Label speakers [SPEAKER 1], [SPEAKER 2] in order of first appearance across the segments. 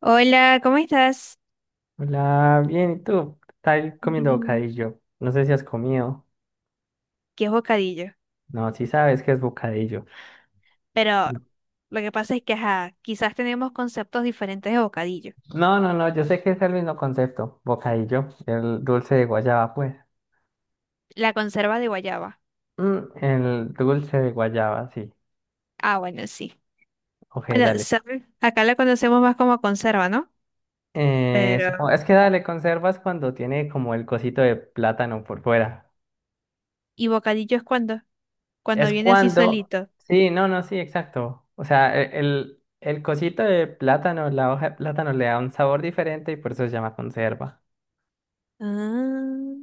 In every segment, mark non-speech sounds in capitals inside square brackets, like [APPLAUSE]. [SPEAKER 1] Hola, ¿cómo estás?
[SPEAKER 2] Hola, bien, ¿y tú? Estás comiendo
[SPEAKER 1] Bien.
[SPEAKER 2] bocadillo. No sé si has comido.
[SPEAKER 1] ¿Qué es bocadillo?
[SPEAKER 2] No, sí sabes que es bocadillo.
[SPEAKER 1] Pero lo que pasa es que, ajá, quizás tenemos conceptos diferentes de bocadillo.
[SPEAKER 2] No, no, no, yo sé que es el mismo concepto. Bocadillo, el dulce de guayaba, pues.
[SPEAKER 1] La conserva de guayaba.
[SPEAKER 2] El dulce de guayaba, sí.
[SPEAKER 1] Ah, bueno, sí.
[SPEAKER 2] Ok,
[SPEAKER 1] Bueno,
[SPEAKER 2] dale.
[SPEAKER 1] ¿sabes? Acá la conocemos más como conserva, ¿no?
[SPEAKER 2] Supongo,
[SPEAKER 1] Pero...
[SPEAKER 2] es que dale, conservas cuando tiene como el cosito de plátano por fuera.
[SPEAKER 1] ¿Y bocadillo es cuando? Cuando
[SPEAKER 2] Es
[SPEAKER 1] viene así
[SPEAKER 2] cuando...
[SPEAKER 1] solito.
[SPEAKER 2] Sí, no, no, sí, exacto. O sea, el cosito de plátano, la hoja de plátano le da un sabor diferente y por eso se llama conserva.
[SPEAKER 1] Ah,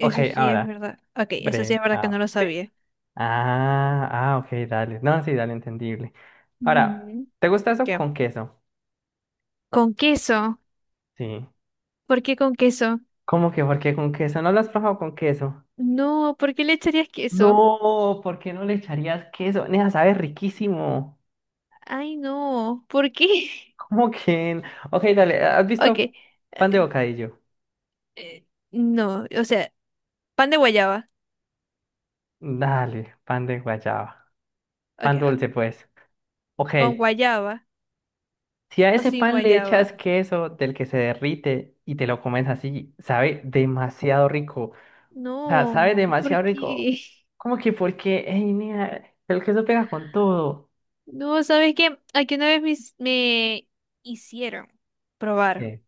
[SPEAKER 2] Ok,
[SPEAKER 1] sí es
[SPEAKER 2] ahora,
[SPEAKER 1] verdad. Ok, eso sí es verdad que no lo
[SPEAKER 2] ¿sí?
[SPEAKER 1] sabía.
[SPEAKER 2] Ok, dale. No, sí, dale, entendible. Ahora,
[SPEAKER 1] Ujú.
[SPEAKER 2] ¿te gusta eso
[SPEAKER 1] ¿Qué?
[SPEAKER 2] con queso?
[SPEAKER 1] ¿Con queso?
[SPEAKER 2] Sí.
[SPEAKER 1] ¿Por qué con queso?
[SPEAKER 2] ¿Cómo que por qué con queso? ¿No lo has probado con queso?
[SPEAKER 1] No, ¿por qué le echarías queso?
[SPEAKER 2] No, ¿por qué no le echarías queso? Nea, sabe riquísimo.
[SPEAKER 1] Ay, no, ¿por qué? [LAUGHS]
[SPEAKER 2] [LAUGHS] ¿Cómo que? Ok, dale, ¿has
[SPEAKER 1] Ok.
[SPEAKER 2] visto pan de bocadillo?
[SPEAKER 1] No, o sea, pan de guayaba.
[SPEAKER 2] Dale, pan de guayaba.
[SPEAKER 1] Ok,
[SPEAKER 2] Pan
[SPEAKER 1] ah,
[SPEAKER 2] dulce, pues. Ok,
[SPEAKER 1] con guayaba
[SPEAKER 2] si a
[SPEAKER 1] o
[SPEAKER 2] ese
[SPEAKER 1] sin
[SPEAKER 2] pan le echas
[SPEAKER 1] guayaba.
[SPEAKER 2] queso del que se derrite y te lo comes así, sabe demasiado rico. O sea, sabe
[SPEAKER 1] No, ¿por
[SPEAKER 2] demasiado rico.
[SPEAKER 1] qué?
[SPEAKER 2] Como que porque, ey, niña, el queso pega con todo.
[SPEAKER 1] No, ¿sabes qué? Aquí una vez me hicieron probar
[SPEAKER 2] ¿Qué?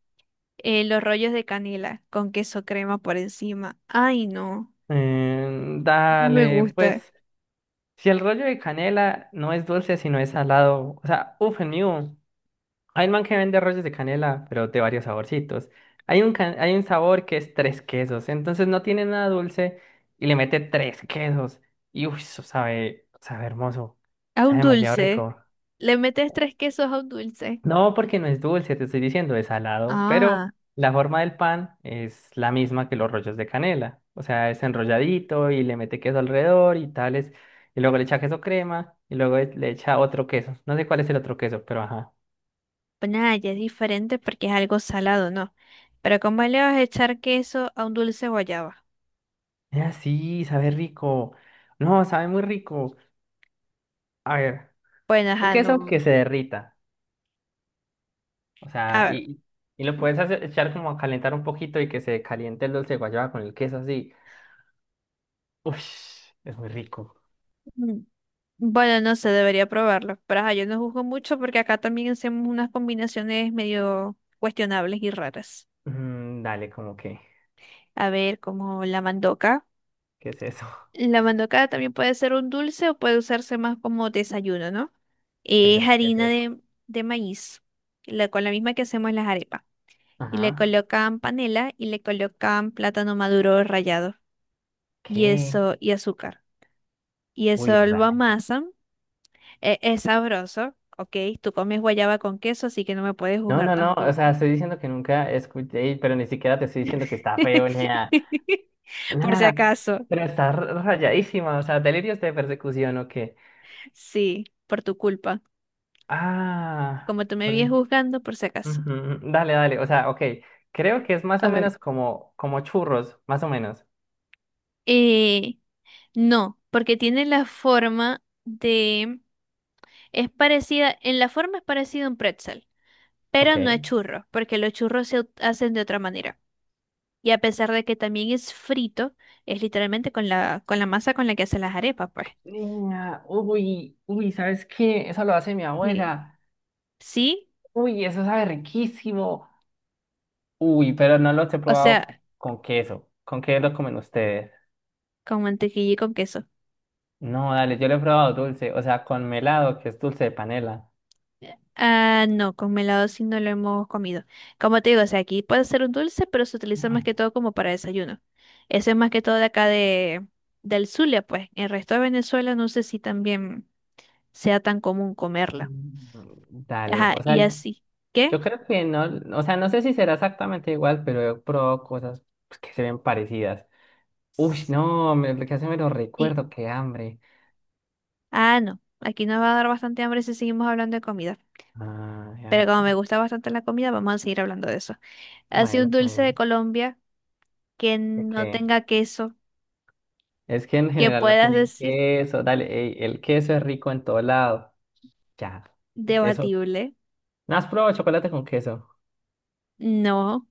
[SPEAKER 1] los rollos de canela con queso crema por encima. Ay, no, no me
[SPEAKER 2] Dale,
[SPEAKER 1] gusta.
[SPEAKER 2] pues, si el rollo de canela no es dulce, sino es salado. O sea, uff, el mío. Hay un man que vende rollos de canela, pero de varios saborcitos. Hay un sabor que es tres quesos, entonces no tiene nada dulce y le mete tres quesos. Y uff, eso sabe, sabe hermoso.
[SPEAKER 1] A
[SPEAKER 2] Sabe
[SPEAKER 1] un
[SPEAKER 2] demasiado
[SPEAKER 1] dulce.
[SPEAKER 2] rico.
[SPEAKER 1] Le metes tres quesos a un dulce.
[SPEAKER 2] No, porque no es dulce, te estoy diciendo, es salado, pero
[SPEAKER 1] Ah,
[SPEAKER 2] la forma del pan es la misma que los rollos de canela. O sea, es enrolladito y le mete queso alrededor y tales. Y luego le echa queso crema y luego le echa otro queso. No sé cuál es el otro queso, pero ajá.
[SPEAKER 1] pues nada, ya es diferente porque es algo salado, ¿no? Pero ¿cómo le vas a echar queso a un dulce guayaba?
[SPEAKER 2] Ah, sí, sabe rico. No, sabe muy rico. A ver,
[SPEAKER 1] Bueno,
[SPEAKER 2] un
[SPEAKER 1] ajá,
[SPEAKER 2] queso que
[SPEAKER 1] no.
[SPEAKER 2] se derrita. O
[SPEAKER 1] A
[SPEAKER 2] sea,
[SPEAKER 1] ver.
[SPEAKER 2] y lo puedes echar como a calentar un poquito y que se caliente el dulce de guayaba con el queso así. Uff, es muy rico.
[SPEAKER 1] mm, Bueno, no sé, debería probarlo. Pero ajá, yo no juzgo mucho porque acá también hacemos unas combinaciones medio cuestionables y raras.
[SPEAKER 2] Mm, dale, como que.
[SPEAKER 1] A ver, como la mandoca.
[SPEAKER 2] ¿Qué es eso? [LAUGHS]
[SPEAKER 1] La mandoca también puede ser un dulce o puede usarse más como desayuno, ¿no? Es
[SPEAKER 2] ¿Pero qué es
[SPEAKER 1] harina
[SPEAKER 2] eso?
[SPEAKER 1] de maíz, con la misma que hacemos las arepas. Y le
[SPEAKER 2] Ajá.
[SPEAKER 1] colocan panela y le colocan plátano maduro rallado y
[SPEAKER 2] ¿Qué?
[SPEAKER 1] eso, y azúcar. Y
[SPEAKER 2] Uy,
[SPEAKER 1] eso lo
[SPEAKER 2] raro.
[SPEAKER 1] amasan. Es sabroso, ok. Tú comes guayaba con queso, así que no me puedes
[SPEAKER 2] No,
[SPEAKER 1] juzgar
[SPEAKER 2] no, no. O
[SPEAKER 1] tampoco.
[SPEAKER 2] sea, estoy diciendo que nunca escuché, pero ni siquiera te estoy diciendo que está feo ni nada.
[SPEAKER 1] [LAUGHS] Por si
[SPEAKER 2] Nada.
[SPEAKER 1] acaso.
[SPEAKER 2] Pero está rayadísima. O sea, delirios de persecución o qué.
[SPEAKER 1] Sí, por tu culpa.
[SPEAKER 2] Ah.
[SPEAKER 1] Como tú me
[SPEAKER 2] Por
[SPEAKER 1] vienes
[SPEAKER 2] mí.
[SPEAKER 1] juzgando, por si acaso.
[SPEAKER 2] Ujú, dale, dale. O sea, ok. Creo que es más
[SPEAKER 1] A
[SPEAKER 2] o
[SPEAKER 1] ver.
[SPEAKER 2] menos como churros, más o menos.
[SPEAKER 1] Eh, no, porque tiene la forma de... Es parecida, en la forma es parecida a un pretzel,
[SPEAKER 2] Ok.
[SPEAKER 1] pero no es churro, porque los churros hacen de otra manera. Y a pesar de que también es frito, es literalmente con con la masa con la que hacen las arepas, pues.
[SPEAKER 2] Niña, uy, uy, ¿sabes qué? Eso lo hace mi
[SPEAKER 1] Sí.
[SPEAKER 2] abuela.
[SPEAKER 1] Sí,
[SPEAKER 2] Uy, eso sabe riquísimo. Uy, pero no los he
[SPEAKER 1] o
[SPEAKER 2] probado
[SPEAKER 1] sea,
[SPEAKER 2] con queso. ¿Con qué los comen ustedes?
[SPEAKER 1] con mantequilla y con queso.
[SPEAKER 2] No, dale, yo lo he probado dulce, o sea, con melado, que es dulce de panela.
[SPEAKER 1] Ah, no, con melado sí no lo hemos comido. Como te digo, o sea, aquí puede ser un dulce, pero se utiliza más
[SPEAKER 2] Ay.
[SPEAKER 1] que todo como para desayuno. Eso es más que todo de acá del Zulia, pues. El resto de Venezuela no sé si también sea tan común comerla.
[SPEAKER 2] Mm, dale,
[SPEAKER 1] Ajá,
[SPEAKER 2] o sea,
[SPEAKER 1] y así. ¿Qué?
[SPEAKER 2] yo creo que no, o sea, no sé si será exactamente igual, pero he probado cosas pues, que se ven parecidas. Uy, no, me, lo que hace me lo
[SPEAKER 1] Sí.
[SPEAKER 2] recuerdo, qué hambre.
[SPEAKER 1] Ah, no. Aquí nos va a dar bastante hambre si seguimos hablando de comida.
[SPEAKER 2] Ay,
[SPEAKER 1] Pero
[SPEAKER 2] ay.
[SPEAKER 1] como me gusta bastante la comida, vamos a seguir hablando de eso. Así
[SPEAKER 2] Bueno,
[SPEAKER 1] un
[SPEAKER 2] está
[SPEAKER 1] dulce de
[SPEAKER 2] bien.
[SPEAKER 1] Colombia que no
[SPEAKER 2] Ok.
[SPEAKER 1] tenga queso,
[SPEAKER 2] Es que en
[SPEAKER 1] que
[SPEAKER 2] general no
[SPEAKER 1] puedas
[SPEAKER 2] tienen
[SPEAKER 1] decir
[SPEAKER 2] queso, dale, ey, el queso es rico en todo lado. Ya, eso
[SPEAKER 1] debatible.
[SPEAKER 2] ¿no has probado chocolate con queso?
[SPEAKER 1] No,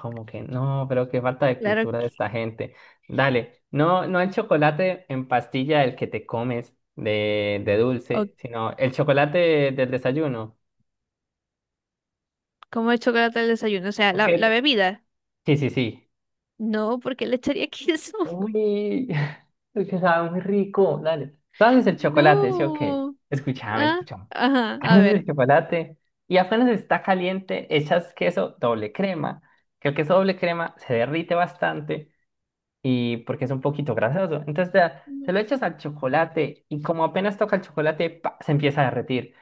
[SPEAKER 2] Como que no, pero qué falta de
[SPEAKER 1] claro
[SPEAKER 2] cultura
[SPEAKER 1] que.
[SPEAKER 2] de esta gente. Dale, no, no el chocolate en pastilla el que te comes de
[SPEAKER 1] O
[SPEAKER 2] dulce, sino el chocolate del desayuno.
[SPEAKER 1] como el chocolate al desayuno, o sea,
[SPEAKER 2] Ok,
[SPEAKER 1] la bebida.
[SPEAKER 2] sí, sí, sí.
[SPEAKER 1] No, porque le echaría queso. [LAUGHS]
[SPEAKER 2] Uy, [LAUGHS] es que sabe muy rico, dale. Tú haces el chocolate, sí, ok.
[SPEAKER 1] No.
[SPEAKER 2] Escúchame,
[SPEAKER 1] Ah,
[SPEAKER 2] escúchame. [LAUGHS]
[SPEAKER 1] ajá, a
[SPEAKER 2] Haces el
[SPEAKER 1] ver.
[SPEAKER 2] chocolate y apenas está caliente, echas queso doble crema, que el queso doble crema se derrite bastante. Y porque es un poquito grasoso. Te
[SPEAKER 1] Mm.
[SPEAKER 2] lo echas al chocolate y como apenas toca el chocolate, pa, se empieza a derretir.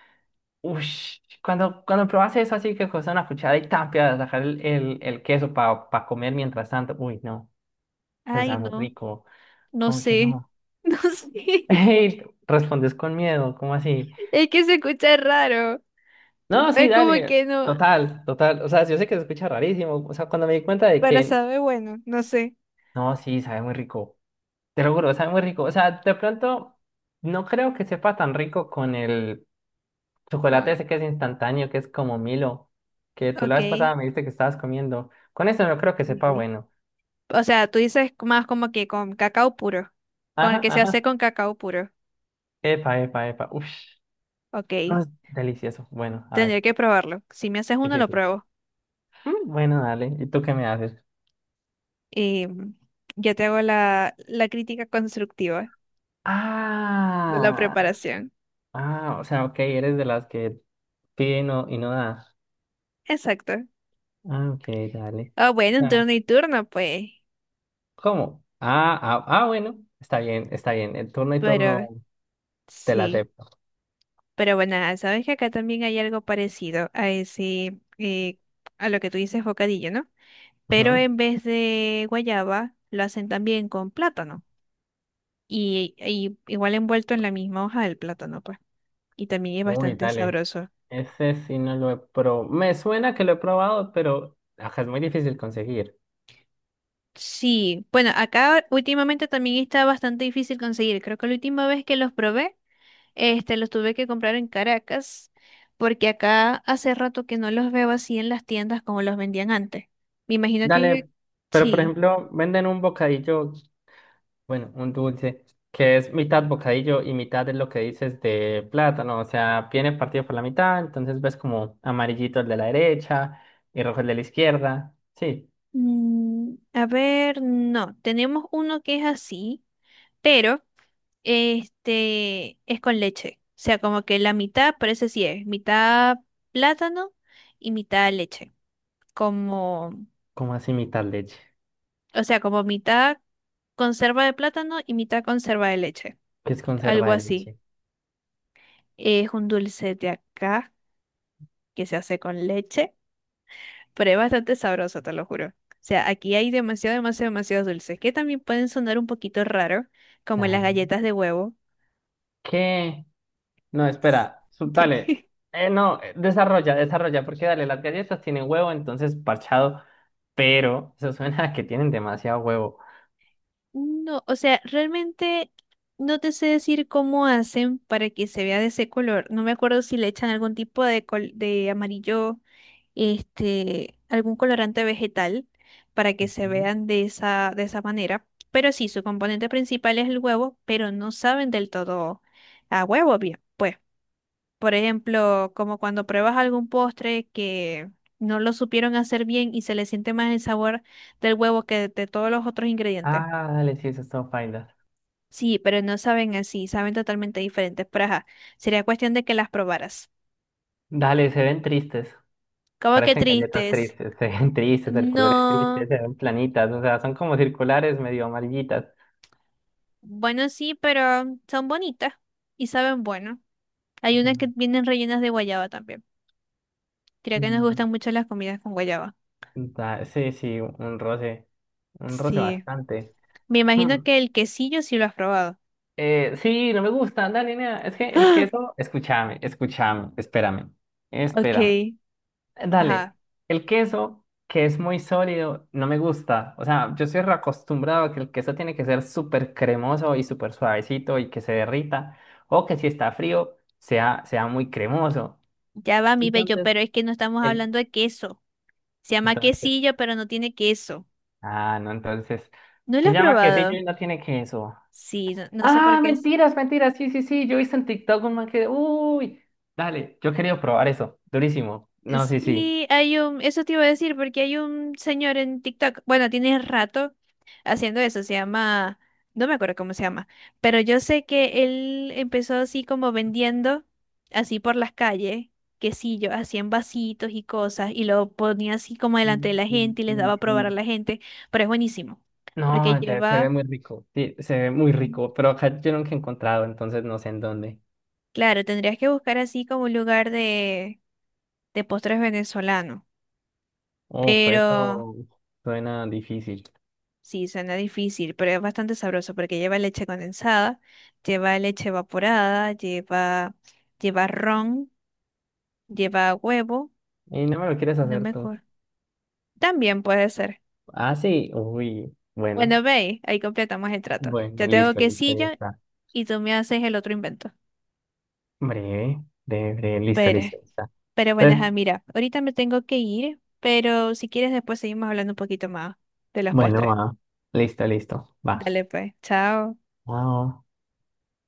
[SPEAKER 2] Ush, cuando probas eso así que coges una cuchara y tapias, dejar el queso para comer mientras tanto. Uy, no, o
[SPEAKER 1] Ay,
[SPEAKER 2] sea, muy
[SPEAKER 1] no,
[SPEAKER 2] rico.
[SPEAKER 1] no
[SPEAKER 2] ¿Cómo que
[SPEAKER 1] sé.
[SPEAKER 2] no?
[SPEAKER 1] [LAUGHS] No
[SPEAKER 2] [LAUGHS]
[SPEAKER 1] sé.
[SPEAKER 2] Ey, respondes con miedo, ¿cómo así?
[SPEAKER 1] Es que se escucha raro.
[SPEAKER 2] No, sí,
[SPEAKER 1] Es como
[SPEAKER 2] dale,
[SPEAKER 1] que no.
[SPEAKER 2] total, total. O sea, yo sé que se escucha rarísimo. O sea, cuando me di cuenta de
[SPEAKER 1] Para
[SPEAKER 2] que,
[SPEAKER 1] saber, bueno, no sé.
[SPEAKER 2] no, sí, sabe muy rico. Te lo juro, sabe muy rico. O sea, de pronto no creo que sepa tan rico con el
[SPEAKER 1] Como-
[SPEAKER 2] chocolate
[SPEAKER 1] que,
[SPEAKER 2] ese que es instantáneo, que es como Milo, que tú la vez
[SPEAKER 1] ok.
[SPEAKER 2] pasada me dijiste que estabas comiendo. Con eso no creo que sepa
[SPEAKER 1] Sí.
[SPEAKER 2] bueno.
[SPEAKER 1] O sea, tú dices más como que con cacao puro. Con el
[SPEAKER 2] Ajá,
[SPEAKER 1] que se
[SPEAKER 2] ajá.
[SPEAKER 1] hace con cacao puro.
[SPEAKER 2] Epa, epa, epa. Uf, no
[SPEAKER 1] Ok.
[SPEAKER 2] es delicioso. Bueno, a
[SPEAKER 1] Tendría
[SPEAKER 2] ver.
[SPEAKER 1] que
[SPEAKER 2] [LAUGHS]
[SPEAKER 1] probarlo. Si me haces
[SPEAKER 2] Sí,
[SPEAKER 1] uno,
[SPEAKER 2] sí,
[SPEAKER 1] lo
[SPEAKER 2] sí.
[SPEAKER 1] pruebo.
[SPEAKER 2] Mm, bueno, dale. ¿Y tú qué me haces?
[SPEAKER 1] Y ya te hago la crítica constructiva de la
[SPEAKER 2] Ah,
[SPEAKER 1] preparación.
[SPEAKER 2] o sea, ok, eres de las que pide y no da.
[SPEAKER 1] Exacto.
[SPEAKER 2] Ah, ok, dale.
[SPEAKER 1] Ah, bueno, un
[SPEAKER 2] Ah.
[SPEAKER 1] turno y turno, pues.
[SPEAKER 2] ¿Cómo? Bueno, está bien, está bien. El turno y
[SPEAKER 1] Pero
[SPEAKER 2] turno te la
[SPEAKER 1] sí.
[SPEAKER 2] acepto.
[SPEAKER 1] Pero bueno, sabes que acá también hay algo parecido a ese, a lo que tú dices bocadillo, ¿no? Pero
[SPEAKER 2] Ujú.
[SPEAKER 1] en vez de guayaba, lo hacen también con plátano. Y igual envuelto en la misma hoja del plátano, pues. Y también es
[SPEAKER 2] Uy,
[SPEAKER 1] bastante
[SPEAKER 2] dale.
[SPEAKER 1] sabroso.
[SPEAKER 2] Ese sí no lo he probado. Me suena que lo he probado, pero ajá, es muy difícil conseguir.
[SPEAKER 1] Sí, bueno, acá últimamente también está bastante difícil conseguir. Creo que la última vez que los probé, este, los tuve que comprar en Caracas, porque acá hace rato que no los veo así en las tiendas como los vendían antes. Me imagino que
[SPEAKER 2] Dale, pero por
[SPEAKER 1] sí.
[SPEAKER 2] ejemplo, venden un bocadillo, bueno, un dulce, que es mitad bocadillo y mitad es lo que dices de plátano. O sea, viene partido por la mitad, entonces ves como amarillito el de la derecha y rojo el de la izquierda. Sí,
[SPEAKER 1] Mm, a ver, no, tenemos uno que es así, pero este es con leche. O sea, como que la mitad parece sí es, mitad plátano y mitad leche. Como,
[SPEAKER 2] como así mitad leche,
[SPEAKER 1] o sea, como mitad conserva de plátano y mitad conserva de leche.
[SPEAKER 2] que es conserva
[SPEAKER 1] Algo
[SPEAKER 2] de
[SPEAKER 1] así.
[SPEAKER 2] leche.
[SPEAKER 1] Es un dulce de acá que se hace con leche, pero es bastante sabroso, te lo juro. O sea, aquí hay demasiado, demasiado, demasiados dulces que también pueden sonar un poquito raro, como las
[SPEAKER 2] Dale.
[SPEAKER 1] galletas de huevo.
[SPEAKER 2] ¿Qué? No, espera, dale.
[SPEAKER 1] [LAUGHS]
[SPEAKER 2] No, desarrolla, desarrolla, porque dale, las galletas tienen huevo, entonces parchado, pero eso suena a que tienen demasiado huevo.
[SPEAKER 1] No, o sea, realmente no te sé decir cómo hacen para que se vea de ese color. No me acuerdo si le echan algún tipo de amarillo, este, algún colorante vegetal para que se
[SPEAKER 2] Ujú.
[SPEAKER 1] vean de de esa manera. Pero sí, su componente principal es el huevo, pero no saben del todo a huevo bien. Pues, por ejemplo, como cuando pruebas algún postre que no lo supieron hacer bien y se le siente más el sabor del huevo que de todos los otros ingredientes.
[SPEAKER 2] Ah, dale, sí, eso es todo paila.
[SPEAKER 1] Sí, pero no saben así, saben totalmente diferentes. Pero ajá, sería cuestión de que las probaras.
[SPEAKER 2] Dale, se ven tristes,
[SPEAKER 1] ¿Cómo que
[SPEAKER 2] parecen galletas
[SPEAKER 1] tristes?
[SPEAKER 2] tristes, [LAUGHS] se ven tristes, el color es triste,
[SPEAKER 1] No.
[SPEAKER 2] se ven planitas, o sea, son como circulares, medio amarillitas.
[SPEAKER 1] Bueno, sí, pero son bonitas y saben bueno. Hay
[SPEAKER 2] Ujú.
[SPEAKER 1] unas que vienen rellenas de guayaba también. Creo que nos
[SPEAKER 2] Mm,
[SPEAKER 1] gustan mucho las comidas con guayaba.
[SPEAKER 2] sí, sí, un roce
[SPEAKER 1] Sí.
[SPEAKER 2] bastante.
[SPEAKER 1] Me
[SPEAKER 2] Hmm.
[SPEAKER 1] imagino que el quesillo sí lo has probado.
[SPEAKER 2] Sí, no me gusta, dale, nena. Es que
[SPEAKER 1] [GASPS]
[SPEAKER 2] el
[SPEAKER 1] ¡Ah!
[SPEAKER 2] queso, escúchame, escúchame, espérame, espérame.
[SPEAKER 1] Ok.
[SPEAKER 2] Dale,
[SPEAKER 1] Ajá.
[SPEAKER 2] el queso que es muy sólido, no me gusta. O sea, yo estoy acostumbrado a que el queso tiene que ser súper cremoso y súper suavecito y que se derrita, o que si está frío, sea muy cremoso.
[SPEAKER 1] Ya va mi bello,
[SPEAKER 2] Entonces,
[SPEAKER 1] pero es que no estamos
[SPEAKER 2] el,
[SPEAKER 1] hablando de queso. Se llama
[SPEAKER 2] entonces,
[SPEAKER 1] quesillo, pero no tiene queso.
[SPEAKER 2] ah, no, entonces,
[SPEAKER 1] ¿No lo
[SPEAKER 2] se
[SPEAKER 1] has
[SPEAKER 2] llama quesillo
[SPEAKER 1] probado?
[SPEAKER 2] y no tiene queso.
[SPEAKER 1] Sí, no, no sé por
[SPEAKER 2] Ah,
[SPEAKER 1] qué.
[SPEAKER 2] mentiras, mentiras. Sí, sí, sí. Yo hice en TikTok un man que. Uy, dale, yo quería probar eso. Durísimo. No, sí, sí.
[SPEAKER 1] Sí, hay un, eso te iba a decir, porque hay un señor en TikTok, bueno, tiene rato haciendo eso, se llama, no me acuerdo cómo se llama, pero yo sé que él empezó así como vendiendo, así por las calles, quesillo, así en vasitos y cosas, y lo ponía así como delante
[SPEAKER 2] Sí,
[SPEAKER 1] de la
[SPEAKER 2] sí,
[SPEAKER 1] gente y les daba a
[SPEAKER 2] sí,
[SPEAKER 1] probar a
[SPEAKER 2] sí.
[SPEAKER 1] la gente, pero es buenísimo, porque
[SPEAKER 2] No, se ve
[SPEAKER 1] lleva,
[SPEAKER 2] muy rico. Sí, se ve muy rico. Pero acá yo nunca he encontrado, entonces no sé en dónde.
[SPEAKER 1] claro, tendrías que buscar así como un lugar de postres venezolanos,
[SPEAKER 2] Uf,
[SPEAKER 1] pero...
[SPEAKER 2] eso suena difícil.
[SPEAKER 1] Sí, suena difícil, pero es bastante sabroso porque lleva leche condensada, lleva leche evaporada, lleva, lleva ron, lleva huevo,
[SPEAKER 2] Y no me lo quieres
[SPEAKER 1] no
[SPEAKER 2] hacer
[SPEAKER 1] me
[SPEAKER 2] tú.
[SPEAKER 1] acuerdo. También puede ser.
[SPEAKER 2] Ah, sí. Uy,
[SPEAKER 1] Bueno,
[SPEAKER 2] bueno.
[SPEAKER 1] ve, ahí completamos el trato.
[SPEAKER 2] Bueno,
[SPEAKER 1] Yo te hago
[SPEAKER 2] listo, listo, ya
[SPEAKER 1] quesillo
[SPEAKER 2] está.
[SPEAKER 1] y tú me haces el otro invento.
[SPEAKER 2] Breve, breve, breve. Listo,
[SPEAKER 1] Pero,
[SPEAKER 2] listo, ya está.
[SPEAKER 1] pero bueno, ajá,
[SPEAKER 2] Entonces,
[SPEAKER 1] mira, ahorita me tengo que ir, pero si quieres después seguimos hablando un poquito más de los
[SPEAKER 2] bueno,
[SPEAKER 1] postres.
[SPEAKER 2] va. Listo, listo. Va.
[SPEAKER 1] Dale pues, chao.
[SPEAKER 2] Wow.